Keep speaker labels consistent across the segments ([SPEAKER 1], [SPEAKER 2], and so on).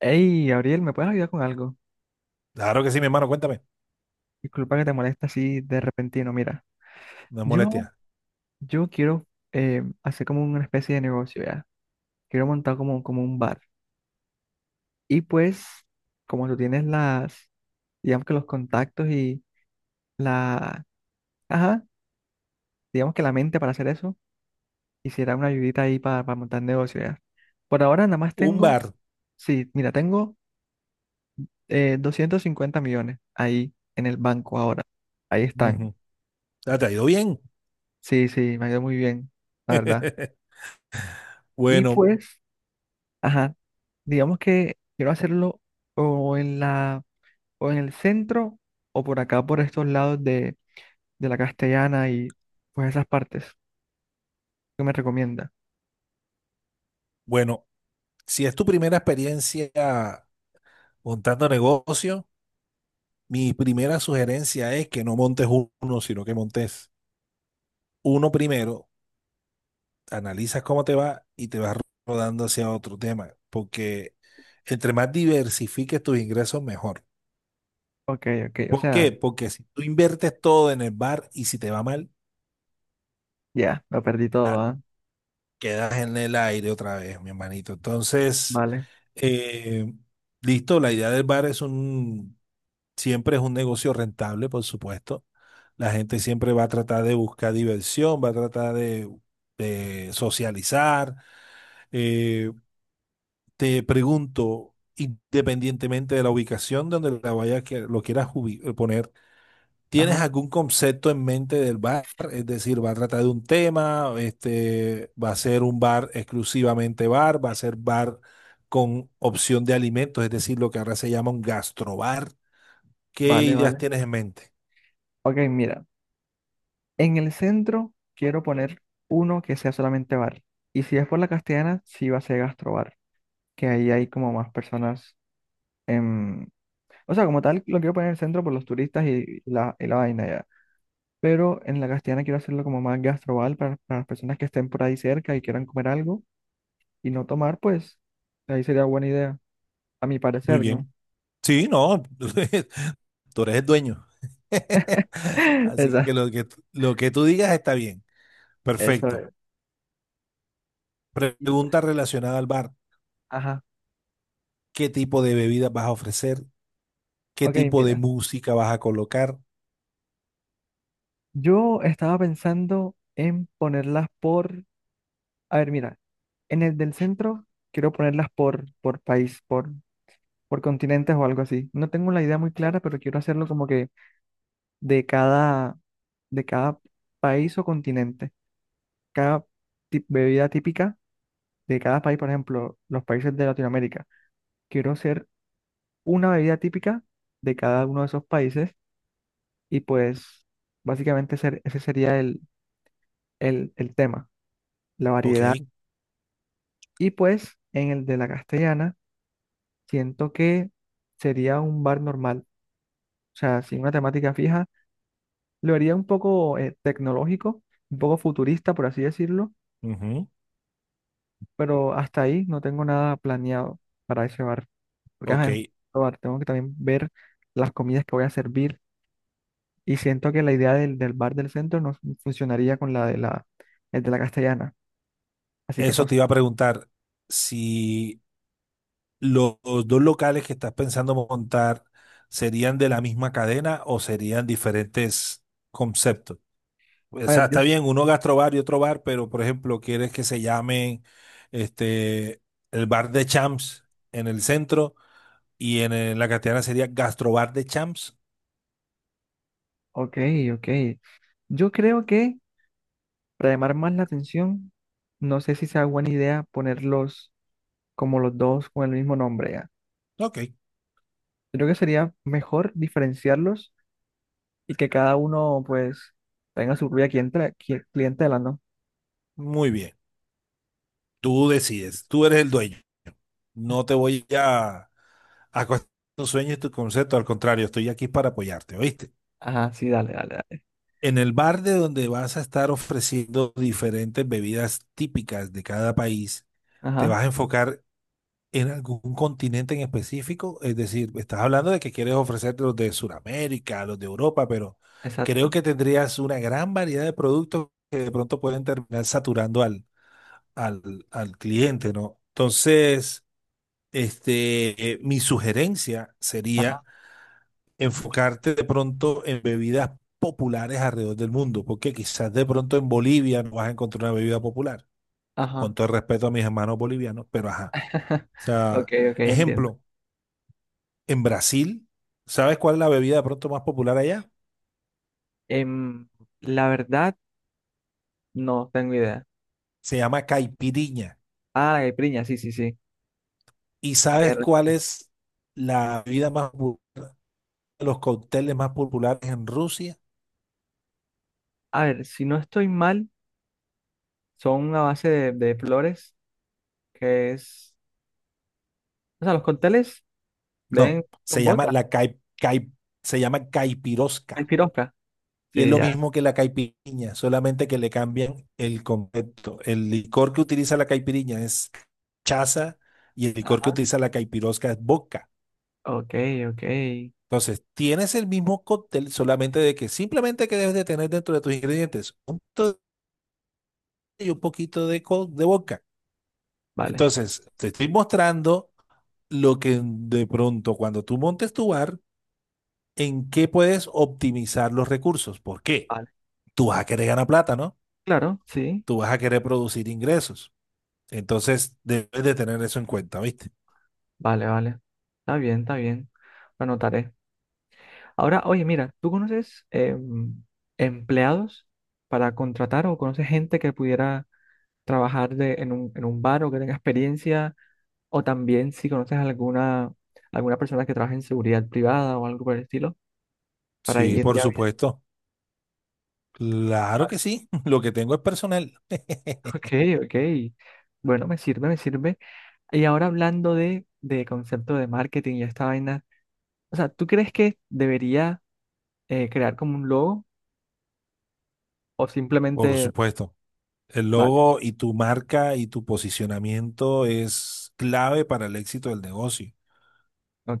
[SPEAKER 1] Hey, Gabriel, ¿me puedes ayudar con algo?
[SPEAKER 2] Claro que sí, mi hermano, cuéntame.
[SPEAKER 1] Disculpa que te moleste así de repentino. Mira,
[SPEAKER 2] No es
[SPEAKER 1] yo,
[SPEAKER 2] molestia.
[SPEAKER 1] yo quiero hacer como una especie de negocio, ¿ya? Quiero montar como un bar. Y pues, como tú tienes las, digamos que los contactos y la, ajá, digamos que la mente para hacer eso, quisiera una ayudita ahí para montar negocio, ¿ya? Por ahora nada más
[SPEAKER 2] Un
[SPEAKER 1] tengo,
[SPEAKER 2] bar.
[SPEAKER 1] sí, mira, tengo 250 millones ahí en el banco ahora. Ahí están.
[SPEAKER 2] Ujú. Ah, ¿te ha ido bien?
[SPEAKER 1] Sí, sí, me ha ido muy bien, la verdad. Y
[SPEAKER 2] Bueno,
[SPEAKER 1] pues, ajá, digamos que quiero hacerlo o en la, o en el centro o por acá, por estos lados de la Castellana y pues esas partes. ¿Qué me recomienda?
[SPEAKER 2] bueno, si es tu primera experiencia montando negocio, mi primera sugerencia es que no montes uno, sino que montes uno primero, analizas cómo te va y te vas rodando hacia otro tema, porque entre más diversifiques tus ingresos, mejor.
[SPEAKER 1] Ok, ok, o
[SPEAKER 2] ¿Por qué?
[SPEAKER 1] sea,
[SPEAKER 2] Porque si tú inviertes todo en el bar y si te va mal,
[SPEAKER 1] ya, lo perdí todo,
[SPEAKER 2] va
[SPEAKER 1] ¿ah?
[SPEAKER 2] quedas en el aire otra vez, mi hermanito. Entonces,
[SPEAKER 1] Vale,
[SPEAKER 2] eh, listo, la idea del bar es un, siempre es un negocio rentable, por supuesto. La gente siempre va a tratar de buscar diversión, va a tratar de socializar. Eh, te pregunto, independientemente de la ubicación donde la vayas que lo quieras poner, ¿tienes
[SPEAKER 1] ajá,
[SPEAKER 2] algún concepto en mente del bar? Es decir, ¿va a tratar de un tema? Este, ¿va a ser un bar exclusivamente bar? ¿Va a ser bar con opción de alimentos? Es decir, lo que ahora se llama un gastrobar. ¿Qué
[SPEAKER 1] vale,
[SPEAKER 2] ideas
[SPEAKER 1] vale.
[SPEAKER 2] tienes en mente?
[SPEAKER 1] Ok, mira, en el centro quiero poner uno que sea solamente bar. Y si es por la Castellana, sí va a ser gastrobar, que ahí hay como más personas en... O sea, como tal, lo quiero poner en el centro por los turistas y la vaina ya. Pero en la Castellana quiero hacerlo como más gastroval para las personas que estén por ahí cerca y quieran comer algo y no tomar, pues ahí sería buena idea, a mi
[SPEAKER 2] Muy
[SPEAKER 1] parecer, ¿no?
[SPEAKER 2] bien. Sí, no, tú eres el dueño. Así que
[SPEAKER 1] Exacto,
[SPEAKER 2] lo que tú digas está bien.
[SPEAKER 1] eso
[SPEAKER 2] Perfecto.
[SPEAKER 1] es. Y pues,
[SPEAKER 2] Pregunta relacionada al bar.
[SPEAKER 1] ajá,
[SPEAKER 2] ¿Qué tipo de bebidas vas a ofrecer? ¿Qué
[SPEAKER 1] ok,
[SPEAKER 2] tipo de
[SPEAKER 1] mira,
[SPEAKER 2] música vas a colocar?
[SPEAKER 1] yo estaba pensando en ponerlas por, a ver, mira, en el del centro quiero ponerlas por país, por continentes o algo así. No tengo la idea muy clara, pero quiero hacerlo como que de cada, de cada país o continente, cada bebida típica de cada país, por ejemplo, los países de Latinoamérica. Quiero hacer una bebida típica de cada uno de esos países y pues básicamente ese sería el tema, la
[SPEAKER 2] Ok.
[SPEAKER 1] variedad. Y pues en el de la Castellana, siento que sería un bar normal, o sea, sin una temática fija. Lo haría un poco tecnológico, un poco futurista, por así decirlo,
[SPEAKER 2] Ujú.
[SPEAKER 1] pero hasta ahí no tengo nada planeado para ese bar, porque ajá,
[SPEAKER 2] Ok,
[SPEAKER 1] es un bar, tengo que también ver las comidas que voy a servir. Y siento que la idea del bar del centro no funcionaría con la de la, el de la Castellana. Así que no
[SPEAKER 2] eso
[SPEAKER 1] sé.
[SPEAKER 2] te iba a preguntar, si los dos locales que estás pensando montar serían de la misma cadena o serían diferentes conceptos. O
[SPEAKER 1] A
[SPEAKER 2] sea,
[SPEAKER 1] ver, yo.
[SPEAKER 2] está bien, uno gastrobar y otro bar, pero por ejemplo, quieres que se llamen este, el bar de Champs en el centro y en, la Castellana sería gastrobar de Champs.
[SPEAKER 1] Ok, ok. Yo creo que para llamar más la atención, no sé si sea buena idea ponerlos como los dos con el mismo nombre ya.
[SPEAKER 2] Ok,
[SPEAKER 1] Creo que sería mejor diferenciarlos y que cada uno pues tenga su propia clientela, clientela, ¿no?
[SPEAKER 2] muy bien. Tú decides, tú eres el dueño. No te voy a cuestionar tus sueños y tus conceptos, al contrario, estoy aquí para apoyarte, ¿oíste?
[SPEAKER 1] Ajá, sí, dale, dale, dale.
[SPEAKER 2] En el bar de donde vas a estar ofreciendo diferentes bebidas típicas de cada país, te
[SPEAKER 1] Ajá,
[SPEAKER 2] vas a enfocar en algún continente en específico, es decir, estás hablando de que quieres ofrecerte los de Sudamérica, los de Europa, pero creo
[SPEAKER 1] exacto.
[SPEAKER 2] que tendrías una gran variedad de productos que de pronto pueden terminar saturando al cliente, ¿no? Entonces... Este, mi sugerencia sería
[SPEAKER 1] Ajá,
[SPEAKER 2] enfocarte de pronto en bebidas populares alrededor del mundo, porque quizás de pronto en Bolivia no vas a encontrar una bebida popular, con
[SPEAKER 1] ajá.
[SPEAKER 2] todo el respeto a mis hermanos bolivianos, pero ajá. O sea,
[SPEAKER 1] Ok, ok, entiendo.
[SPEAKER 2] ejemplo, en Brasil, ¿sabes cuál es la bebida de pronto más popular allá?
[SPEAKER 1] Em, la verdad, no tengo idea.
[SPEAKER 2] Se llama caipirinha.
[SPEAKER 1] Ah, la caipiriña, sí, sí, sí.
[SPEAKER 2] ¿Y sabes
[SPEAKER 1] R.
[SPEAKER 2] cuál es la bebida más popular, los cócteles más populares en Rusia?
[SPEAKER 1] A ver, si no estoy mal, son a base de flores que es... O sea, los cócteles
[SPEAKER 2] No,
[SPEAKER 1] ven
[SPEAKER 2] se
[SPEAKER 1] con
[SPEAKER 2] llama
[SPEAKER 1] vodka,
[SPEAKER 2] la se llama
[SPEAKER 1] hay
[SPEAKER 2] caipirosca.
[SPEAKER 1] pirosca.
[SPEAKER 2] Y es
[SPEAKER 1] Sí,
[SPEAKER 2] lo
[SPEAKER 1] ya.
[SPEAKER 2] mismo que la caipirinha, solamente que le cambian el concepto. El licor que utiliza la caipirinha es chaza y el licor que
[SPEAKER 1] Ajá.
[SPEAKER 2] utiliza la caipirosca es vodka.
[SPEAKER 1] Ok, ok.
[SPEAKER 2] Entonces, tienes el mismo cóctel, solamente de que simplemente que debes de tener dentro de tus ingredientes un poquito y un poquito de vodka.
[SPEAKER 1] Vale,
[SPEAKER 2] Entonces, te estoy mostrando lo que de pronto cuando tú montes tu bar, en qué puedes optimizar los recursos. ¿Por qué?
[SPEAKER 1] vale.
[SPEAKER 2] Tú vas a querer ganar plata, ¿no?
[SPEAKER 1] Claro, sí.
[SPEAKER 2] Tú vas a querer producir ingresos. Entonces, debes de tener eso en cuenta, ¿viste?
[SPEAKER 1] Vale, vale. Está bien, está bien. Lo anotaré. Ahora, oye, mira, ¿tú conoces empleados para contratar o conoces gente que pudiera trabajar de, en un bar o que tenga experiencia? O también si conoces alguna, alguna persona que trabaje en seguridad privada o algo por el estilo, para
[SPEAKER 2] Sí,
[SPEAKER 1] ir
[SPEAKER 2] por
[SPEAKER 1] ya. Bien.
[SPEAKER 2] supuesto. Claro que sí. Lo que tengo es personal.
[SPEAKER 1] Ok, ok. Bueno, me sirve, me sirve. Y ahora hablando de concepto de marketing y esta vaina, o sea, ¿tú crees que debería crear como un logo o
[SPEAKER 2] Por
[SPEAKER 1] simplemente,
[SPEAKER 2] supuesto. El
[SPEAKER 1] vale,
[SPEAKER 2] logo y tu marca y tu posicionamiento es clave para el éxito del negocio.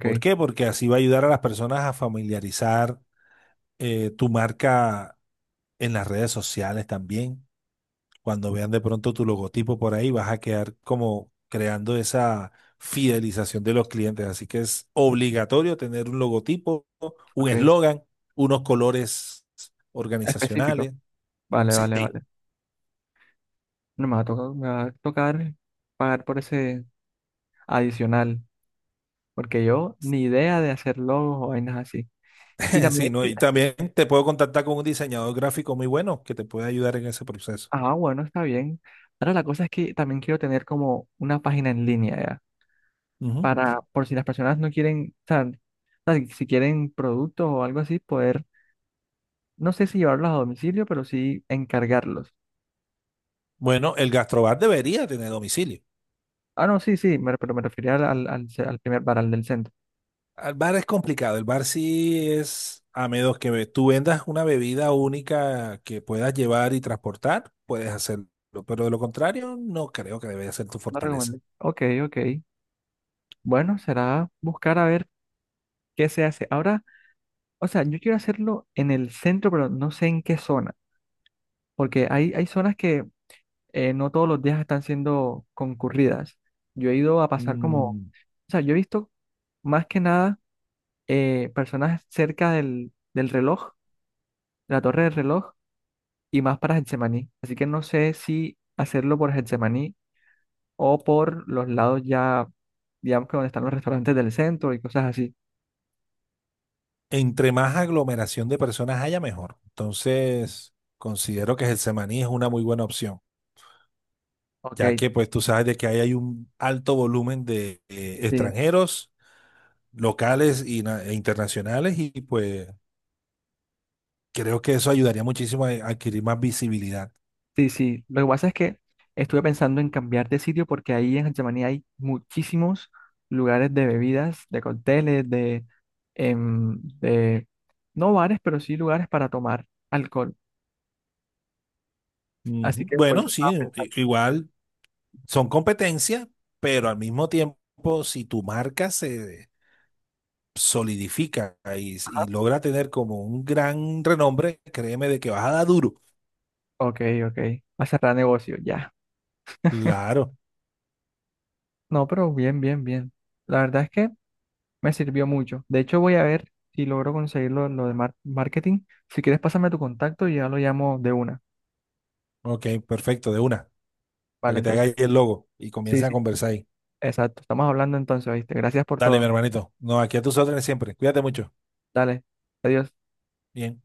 [SPEAKER 2] ¿Por qué? Porque así va a ayudar a las personas a familiarizar tu marca en las redes sociales también. Cuando vean de pronto tu logotipo por ahí, vas a quedar como creando esa fidelización de los clientes. Así que es obligatorio tener un logotipo, un
[SPEAKER 1] ok,
[SPEAKER 2] eslogan, unos colores
[SPEAKER 1] específico,
[SPEAKER 2] organizacionales.
[SPEAKER 1] vale, vale,
[SPEAKER 2] Sí,
[SPEAKER 1] vale. No me va a tocar, Me va a tocar pagar por ese adicional, porque yo ni idea de hacer logos o vainas así. Y
[SPEAKER 2] sí,
[SPEAKER 1] también,
[SPEAKER 2] ¿no?
[SPEAKER 1] sí,
[SPEAKER 2] Y también te puedo contactar con un diseñador gráfico muy bueno que te puede ayudar en ese proceso.
[SPEAKER 1] ah, bueno, está bien. Ahora la cosa es que también quiero tener como una página en línea ya,
[SPEAKER 2] Ujú.
[SPEAKER 1] para por si las personas no quieren, o sea, si quieren productos o algo así, poder, no sé si llevarlos a domicilio, pero sí encargarlos.
[SPEAKER 2] Bueno, el gastrobar debería tener domicilio.
[SPEAKER 1] Ah, no, sí, sí, pero me refería al al primer bar, del centro.
[SPEAKER 2] El bar es complicado. El bar sí es, a menos que tú vendas una bebida única que puedas llevar y transportar, puedes hacerlo. Pero de lo contrario, no creo que debería ser tu
[SPEAKER 1] No
[SPEAKER 2] fortaleza.
[SPEAKER 1] recomendé. Ok, ok. Bueno, será buscar a ver qué se hace. Ahora, o sea, yo quiero hacerlo en el centro, pero no sé en qué zona, porque hay zonas que no todos los días están siendo concurridas. Yo he ido a pasar como, o
[SPEAKER 2] Mm,
[SPEAKER 1] sea, yo he visto más que nada personas cerca del reloj, de la torre del reloj, y más para Getsemaní. Así que no sé si hacerlo por Getsemaní o por los lados ya, digamos que donde están los restaurantes del centro y cosas así.
[SPEAKER 2] entre más aglomeración de personas haya, mejor. Entonces, considero que el semaní es una muy buena opción, ya
[SPEAKER 1] Ok,
[SPEAKER 2] que pues tú sabes de que ahí hay un alto volumen de
[SPEAKER 1] sí.
[SPEAKER 2] extranjeros, locales y e internacionales y pues creo que eso ayudaría muchísimo a adquirir más visibilidad.
[SPEAKER 1] Sí, sí. Lo que pasa es que estuve pensando en cambiar de sitio porque ahí en Getsemaní hay muchísimos lugares de bebidas, de cócteles, de, em, de, no bares, pero sí lugares para tomar alcohol. Así
[SPEAKER 2] Ujú.
[SPEAKER 1] que por eso
[SPEAKER 2] Bueno,
[SPEAKER 1] estaba
[SPEAKER 2] sí,
[SPEAKER 1] pensando,
[SPEAKER 2] igual son competencias, pero al mismo tiempo, si tu marca se solidifica y logra tener como un gran renombre, créeme de que vas a dar duro.
[SPEAKER 1] ok, ok, va a cerrar negocio, ya.
[SPEAKER 2] Claro,
[SPEAKER 1] No, pero bien, bien, bien. La verdad es que me sirvió mucho. De hecho, voy a ver si logro conseguirlo lo de marketing. Si quieres, pásame tu contacto y ya lo llamo de una.
[SPEAKER 2] ok, perfecto, de una, para
[SPEAKER 1] Vale,
[SPEAKER 2] que te haga
[SPEAKER 1] entonces,
[SPEAKER 2] ahí el logo y
[SPEAKER 1] sí,
[SPEAKER 2] comiences a
[SPEAKER 1] sí,
[SPEAKER 2] conversar ahí.
[SPEAKER 1] exacto. Estamos hablando entonces, ¿viste? Gracias por
[SPEAKER 2] Dale, mi
[SPEAKER 1] todo.
[SPEAKER 2] hermanito. No, aquí a tus órdenes siempre. Cuídate mucho.
[SPEAKER 1] Dale, adiós.
[SPEAKER 2] Bien.